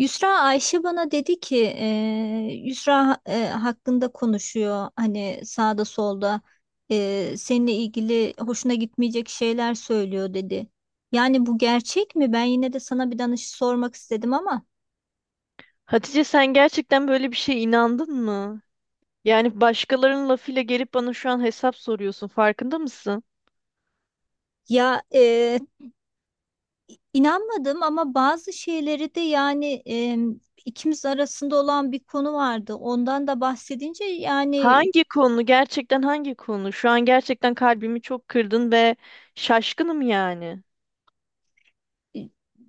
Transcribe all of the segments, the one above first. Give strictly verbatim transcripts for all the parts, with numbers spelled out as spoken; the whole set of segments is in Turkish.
Yusra Ayşe bana dedi ki eee, Yusra eee, hakkında konuşuyor hani sağda solda eee, seninle ilgili hoşuna gitmeyecek şeyler söylüyor dedi. Yani bu gerçek mi? Ben yine de sana bir danış sormak istedim ama Hatice, sen gerçekten böyle bir şeye inandın mı? Yani başkalarının lafıyla gelip bana şu an hesap soruyorsun. Farkında mısın? ya eee, inanmadım ama bazı şeyleri de yani eee, ikimiz arasında olan bir konu vardı. Ondan da bahsedince yani. Hangi konu? Gerçekten hangi konu? Şu an gerçekten kalbimi çok kırdın ve şaşkınım yani.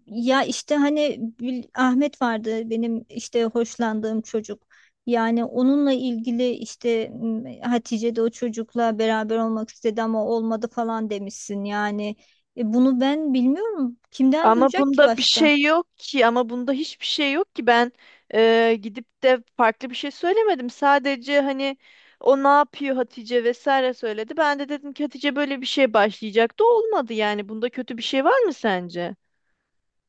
Ya işte hani Gül- Ahmet vardı benim işte hoşlandığım çocuk. Yani onunla ilgili işte m, Hatice de o çocukla beraber olmak istedi ama olmadı falan demişsin. Yani e, bunu ben bilmiyorum. Kimden Ama duyacak ki bunda bir başka? şey yok ki. Ama bunda hiçbir şey yok ki. Ben e, gidip de farklı bir şey söylemedim. Sadece hani o ne yapıyor Hatice vesaire söyledi. Ben de dedim ki Hatice böyle bir şey başlayacaktı. Olmadı yani. Bunda kötü bir şey var mı sence?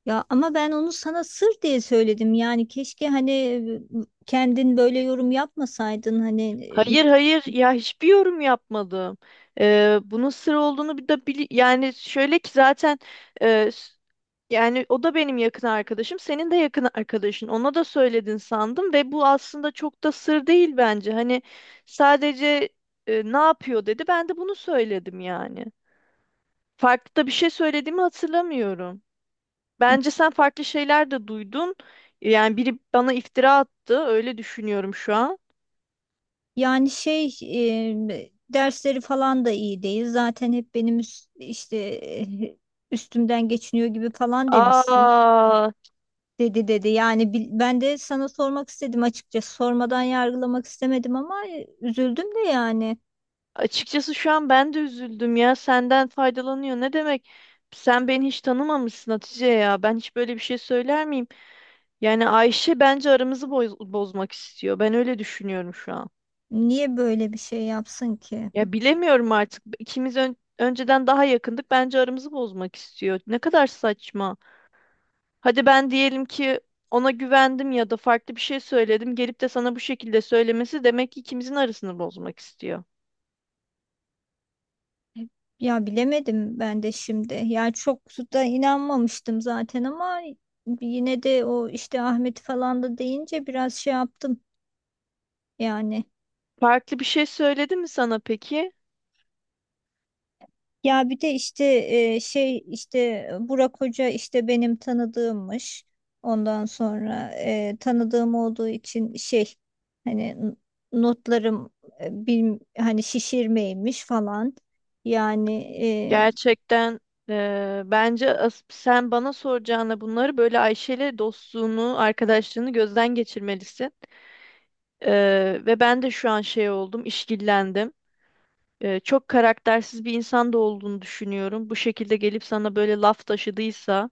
Ya ama ben onu sana sır diye söyledim. Yani keşke hani e, kendin böyle yorum yapmasaydın. Hani ıı, Hayır hayır ya hiçbir yorum yapmadım. Ee, bunun sır olduğunu bir de bili- yani şöyle ki zaten e, s- yani o da benim yakın arkadaşım, senin de yakın arkadaşın. Ona da söyledin sandım ve bu aslında çok da sır değil bence. Hani sadece e, ne yapıyor dedi. Ben de bunu söyledim yani. Farklı da bir şey söylediğimi hatırlamıyorum. Bence sen farklı şeyler de duydun. Yani biri bana iftira attı. Öyle düşünüyorum şu an. yani şey e, dersleri falan da iyi değil. Zaten hep benim üst- işte e, üstümden geçiniyor gibi falan demişsin. Aa, Dedi dedi. Yani bil- ben de sana sormak istedim açıkçası. Sormadan yargılamak istemedim ama e, üzüldüm de yani. açıkçası şu an ben de üzüldüm ya. Senden faydalanıyor. Ne demek? Sen beni hiç tanımamışsın Hatice ya. Ben hiç böyle bir şey söyler miyim? Yani Ayşe bence aramızı boz- bozmak istiyor. Ben öyle düşünüyorum şu an. Niye böyle bir şey yapsın ki? Ya bilemiyorum artık. İkimiz ön- önceden daha yakındık. Bence aramızı bozmak istiyor. Ne kadar saçma. Hadi ben diyelim ki ona güvendim ya da farklı bir şey söyledim. Gelip de sana bu şekilde söylemesi demek ki ikimizin arasını bozmak istiyor. Ya bilemedim ben de şimdi. Yani çok da inanmamıştım zaten ama yine de o işte Ahmet falan da deyince biraz şey yaptım yani. Farklı bir şey söyledi mi sana peki? Ya bir de işte e, şey işte Burak Hoca işte benim tanıdığımmış. Ondan sonra e, tanıdığım olduğu için şey hani n- notlarım e, bilm- hani şişirmeymiş falan. Yani, Gerçekten eee, bence as- sen bana soracağına bunları böyle Ayşe'yle dostluğunu, arkadaşlığını gözden geçirmelisin. Eee, ve ben de şu an şey oldum, işkillendim. Eee, çok karaktersiz bir insan da olduğunu düşünüyorum. Bu şekilde gelip sana böyle laf taşıdıysa.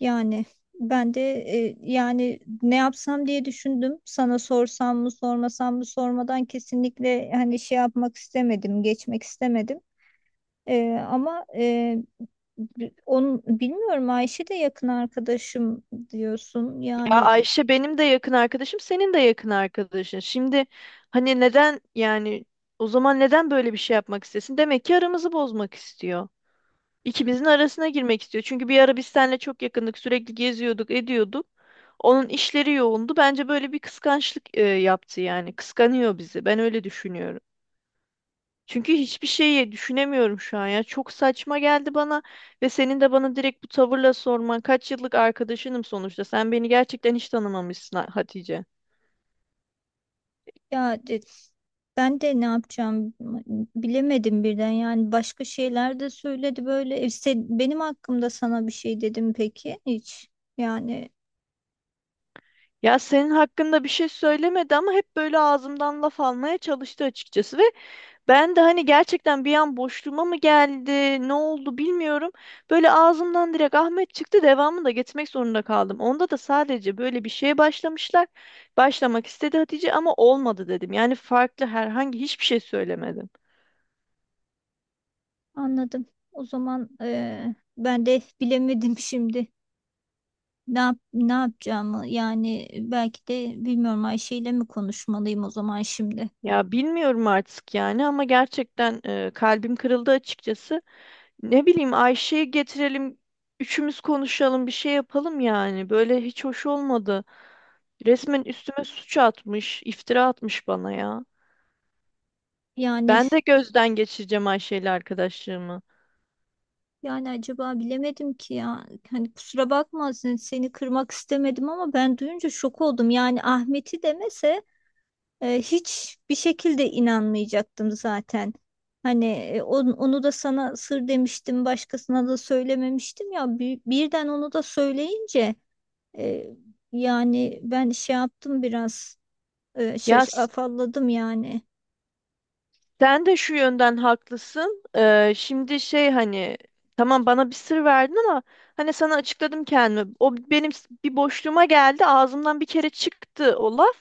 yani ben de e, yani ne yapsam diye düşündüm. Sana sorsam mı sormasam mı sormadan kesinlikle hani şey yapmak istemedim, geçmek istemedim. E, ama e, bi- onun bilmiyorum Ayşe de yakın arkadaşım diyorsun. Ya Yani Ayşe benim de yakın arkadaşım, senin de yakın arkadaşın. Şimdi hani neden yani o zaman neden böyle bir şey yapmak istesin? Demek ki aramızı bozmak istiyor. İkimizin arasına girmek istiyor. Çünkü bir ara biz seninle çok yakındık. Sürekli geziyorduk, ediyorduk. Onun işleri yoğundu. Bence böyle bir kıskançlık e, yaptı yani. Kıskanıyor bizi. Ben öyle düşünüyorum. Çünkü hiçbir şeyi düşünemiyorum şu an ya. Çok saçma geldi bana ve senin de bana direkt bu tavırla sorman. Kaç yıllık arkadaşınım sonuçta. Sen beni gerçekten hiç tanımamışsın Ha- Hatice. ya de- ben de ne yapacağım bilemedim birden. Yani başka şeyler de söyledi böyle. E, sen- benim hakkımda sana bir şey dedim peki hiç. Yani, Ya senin hakkında bir şey söylemedi ama hep böyle ağzımdan laf almaya çalıştı açıkçası ve ben de hani gerçekten bir an boşluğuma mı geldi, ne oldu bilmiyorum. Böyle ağzımdan direkt Ahmet çıktı, devamını da getirmek zorunda kaldım. Onda da sadece böyle bir şeye başlamışlar. Başlamak istedi Hatice ama olmadı dedim. Yani farklı herhangi hiçbir şey söylemedim. anladım. O zaman eee, ben de bilemedim şimdi. Ne yap, ne yapacağımı yani belki de bilmiyorum Ayşe ile mi konuşmalıyım o zaman şimdi. Ya bilmiyorum artık yani ama gerçekten e, kalbim kırıldı açıkçası. Ne bileyim Ayşe'yi getirelim, üçümüz konuşalım, bir şey yapalım yani. Böyle hiç hoş olmadı. Resmen üstüme suç atmış, iftira atmış bana ya. Yani, Ben de gözden geçireceğim Ayşe ile arkadaşlığımı. yani acaba bilemedim ki ya. Hani kusura bakma sen- seni kırmak istemedim ama ben duyunca şok oldum. Yani Ahmet'i demese eee, hiç bir şekilde inanmayacaktım zaten. Hani e, on- onu da sana sır demiştim, başkasına da söylememiştim ya. Bir- birden onu da söyleyince E, yani ben şey yaptım biraz e, Ya şaş s- afalladım yani. sen de şu yönden haklısın. Ee, şimdi şey hani tamam bana bir sır verdin ama hani sana açıkladım kendimi. O benim s- bir boşluğuma geldi. Ağzımdan bir kere çıktı o laf.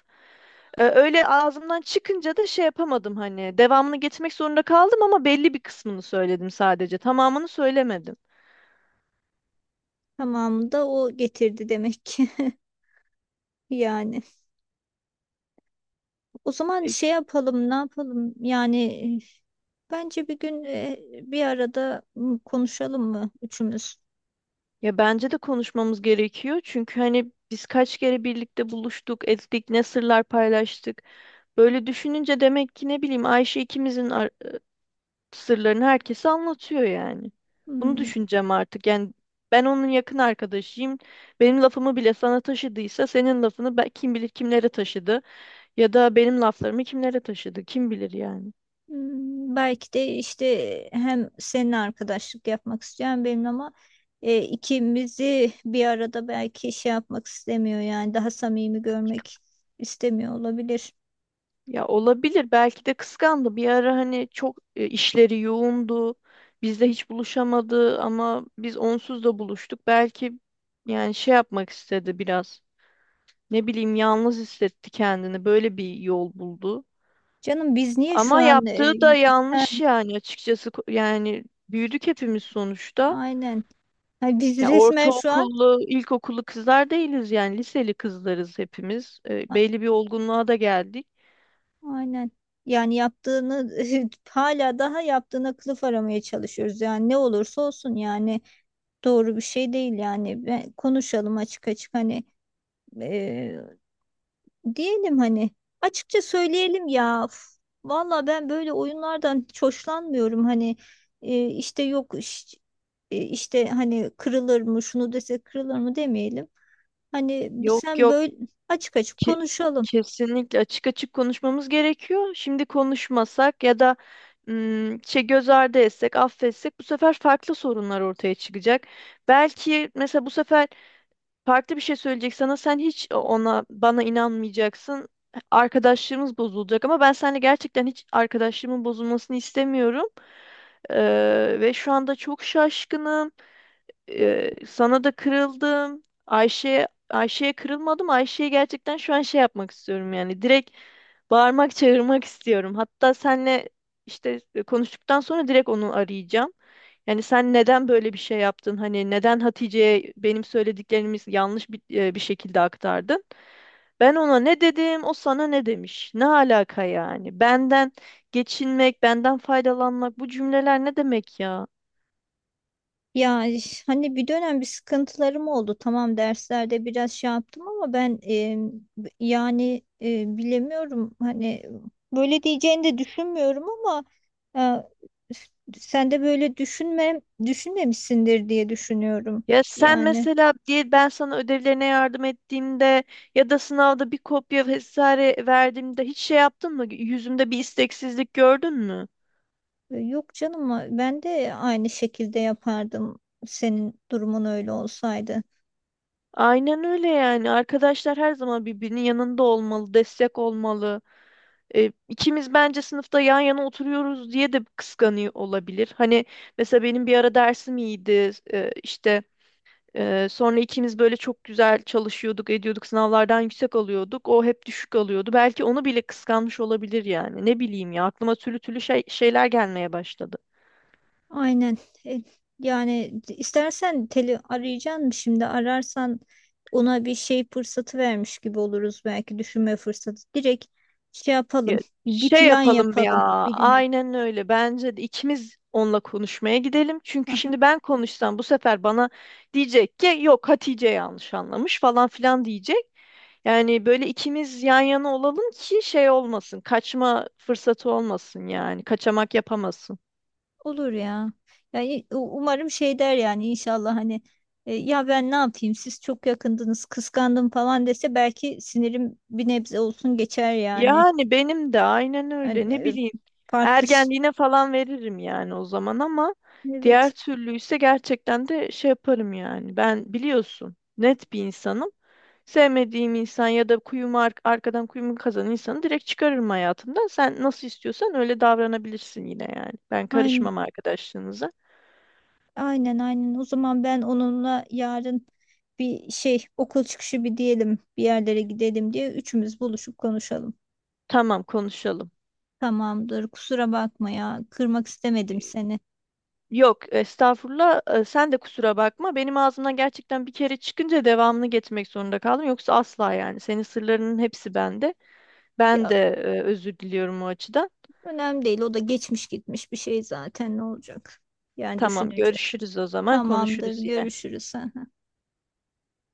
Ee, öyle ağzımdan çıkınca da şey yapamadım hani. Devamını getirmek zorunda kaldım ama belli bir kısmını söyledim sadece. Tamamını söylemedim. Tamamı da o getirdi demek ki yani. O zaman E, şey yapalım ne yapalım yani, e, bence bir gün e, bir arada m, konuşalım mı üçümüz? ya bence de konuşmamız gerekiyor. Çünkü hani biz kaç kere birlikte buluştuk, ettik, ne sırlar paylaştık. Böyle düşününce demek ki ne bileyim Ayşe ikimizin ar- sırlarını herkese anlatıyor yani. Bunu Hmm. düşüneceğim artık. Yani ben onun yakın arkadaşıyım. Benim lafımı bile sana taşıdıysa senin lafını ben, kim bilir kimlere taşıdı ya da benim laflarımı kimlere taşıdı kim bilir yani. Hmm, belki de işte hem seninle arkadaşlık yapmak isteyen benim ama e, ikimizi bir arada belki şey yapmak istemiyor yani daha samimi görmek istemiyor olabilir. Ya olabilir belki de kıskandı. Bir ara hani çok e, işleri yoğundu. Bizle hiç buluşamadı ama biz onsuz da buluştuk. Belki yani şey yapmak istedi biraz. Ne bileyim yalnız hissetti kendini. Böyle bir yol buldu. Canım biz niye şu Ama an e, yaptığı da ha, yanlış yani açıkçası. Ko- yani büyüdük hepimiz sonuçta. aynen. Ha, biz Ya resmen şu an ortaokullu, ilkokullu kızlar değiliz yani liseli kızlarız hepimiz. E, a- belli bir olgunluğa da geldik. aynen. Yani yaptığını hala daha yaptığına kılıf aramaya çalışıyoruz. Yani ne olursa olsun yani doğru bir şey değil yani. Ben, konuşalım açık açık hani, e, diyelim hani açıkça söyleyelim ya. Uf, vallahi ben böyle oyunlardan hiç hoşlanmıyorum. Hani e, işte yok iş- e, işte hani kırılır mı şunu dese kırılır mı demeyelim. Hani Yok sen yok böyle açık açık ki, konuşalım. kesinlikle açık açık konuşmamız gerekiyor. Şimdi konuşmasak ya da ım, şey göz ardı etsek, affetsek bu sefer farklı sorunlar ortaya çıkacak. Belki mesela bu sefer farklı bir şey söyleyecek sana. Sen hiç ona bana inanmayacaksın. Arkadaşlığımız bozulacak ama ben seninle gerçekten hiç arkadaşlığımın bozulmasını istemiyorum. Ee, ve şu anda çok şaşkınım. Ee, sana da kırıldım. Ayşe'ye Ayşe'ye kırılmadım. Ayşe'ye gerçekten şu an şey yapmak istiyorum yani. Direkt bağırmak, çağırmak istiyorum. Hatta senle işte e, konuştuktan sonra direkt onu arayacağım. Yani sen neden böyle bir şey yaptın? Hani neden Hatice'ye benim söylediklerimiz yanlış bir, e, bir şekilde aktardın? Ben ona ne dedim, o sana ne demiş? Ne alaka yani? Benden geçinmek, benden faydalanmak bu cümleler ne demek ya? Ya iş- hani bir dönem bir sıkıntılarım oldu. Tamam derslerde biraz şey yaptım ama ben e, b- yani e, bilemiyorum. Hani böyle diyeceğini de düşünmüyorum ama e, sen de böyle düşünme düşünmemişsindir diye düşünüyorum. Ya sen Yani mesela diye ben sana ödevlerine yardım ettiğimde ya da sınavda bir kopya vesaire verdiğimde hiç şey yaptın mı? Yüzümde bir isteksizlik gördün mü? e, yok canım ben de aynı şekilde yapardım senin durumun öyle olsaydı. Aynen öyle yani. Arkadaşlar her zaman birbirinin yanında olmalı, destek olmalı. E, ikimiz bence sınıfta yan yana oturuyoruz diye de kıskanıyor olabilir. Hani mesela benim bir ara dersim iyiydi. E, işte ee, sonra ikimiz böyle çok güzel çalışıyorduk, ediyorduk, sınavlardan yüksek alıyorduk. O hep düşük alıyordu. Belki onu bile kıskanmış olabilir yani. Ne bileyim ya aklıma türlü türlü şey, şeyler gelmeye başladı. Aynen. E, yani istersen teli arayacaksın şimdi ararsan ona bir şey fırsatı vermiş gibi oluruz belki düşünme fırsatı. Direkt şey yapalım. Ya, Bir şey plan yapalım ya. yapalım bir güne. Aynen öyle. Bence de ikimiz onunla konuşmaya gidelim. Çünkü Aha, şimdi ben konuşsam bu sefer bana diyecek ki yok Hatice yanlış anlamış falan filan diyecek. Yani böyle ikimiz yan yana olalım ki şey olmasın. Kaçma fırsatı olmasın yani. Kaçamak yapamasın. olur ya. Yani u- umarım şey der yani inşallah hani, e, ya ben ne yapayım siz çok yakındınız kıskandım falan dese belki sinirim bir nebze olsun geçer yani. Yani benim de aynen öyle. Hani, Ne e, bileyim. farklı ş- Ergenliğine falan veririm yani o zaman ama diğer evet. türlü ise gerçekten de şey yaparım yani. Ben biliyorsun net bir insanım. Sevmediğim insan ya da kuyumu ar- arkadan kuyumu kazan insanı direkt çıkarırım hayatımdan. Sen nasıl istiyorsan öyle davranabilirsin yine yani. Ben Aynen. karışmam arkadaşlığınıza. Aynen, aynen. O zaman ben onunla yarın bir şey okul çıkışı bir diyelim bir yerlere gidelim diye üçümüz buluşup konuşalım. Tamam konuşalım. Tamamdır. Kusura bakma ya. Kırmak istemedim seni. Yok, estağfurullah. Ee, Sen de kusura bakma. Benim ağzımdan gerçekten bir kere çıkınca devamını getirmek zorunda kaldım. Yoksa asla yani. Senin sırlarının hepsi bende. Ben de Ya e, özür diliyorum o açıdan. önemli değil. O da geçmiş gitmiş bir şey zaten ne olacak? Yani Tamam, düşününce. görüşürüz o zaman. Tamamdır. Konuşuruz yine. Görüşürüz. Hı hı.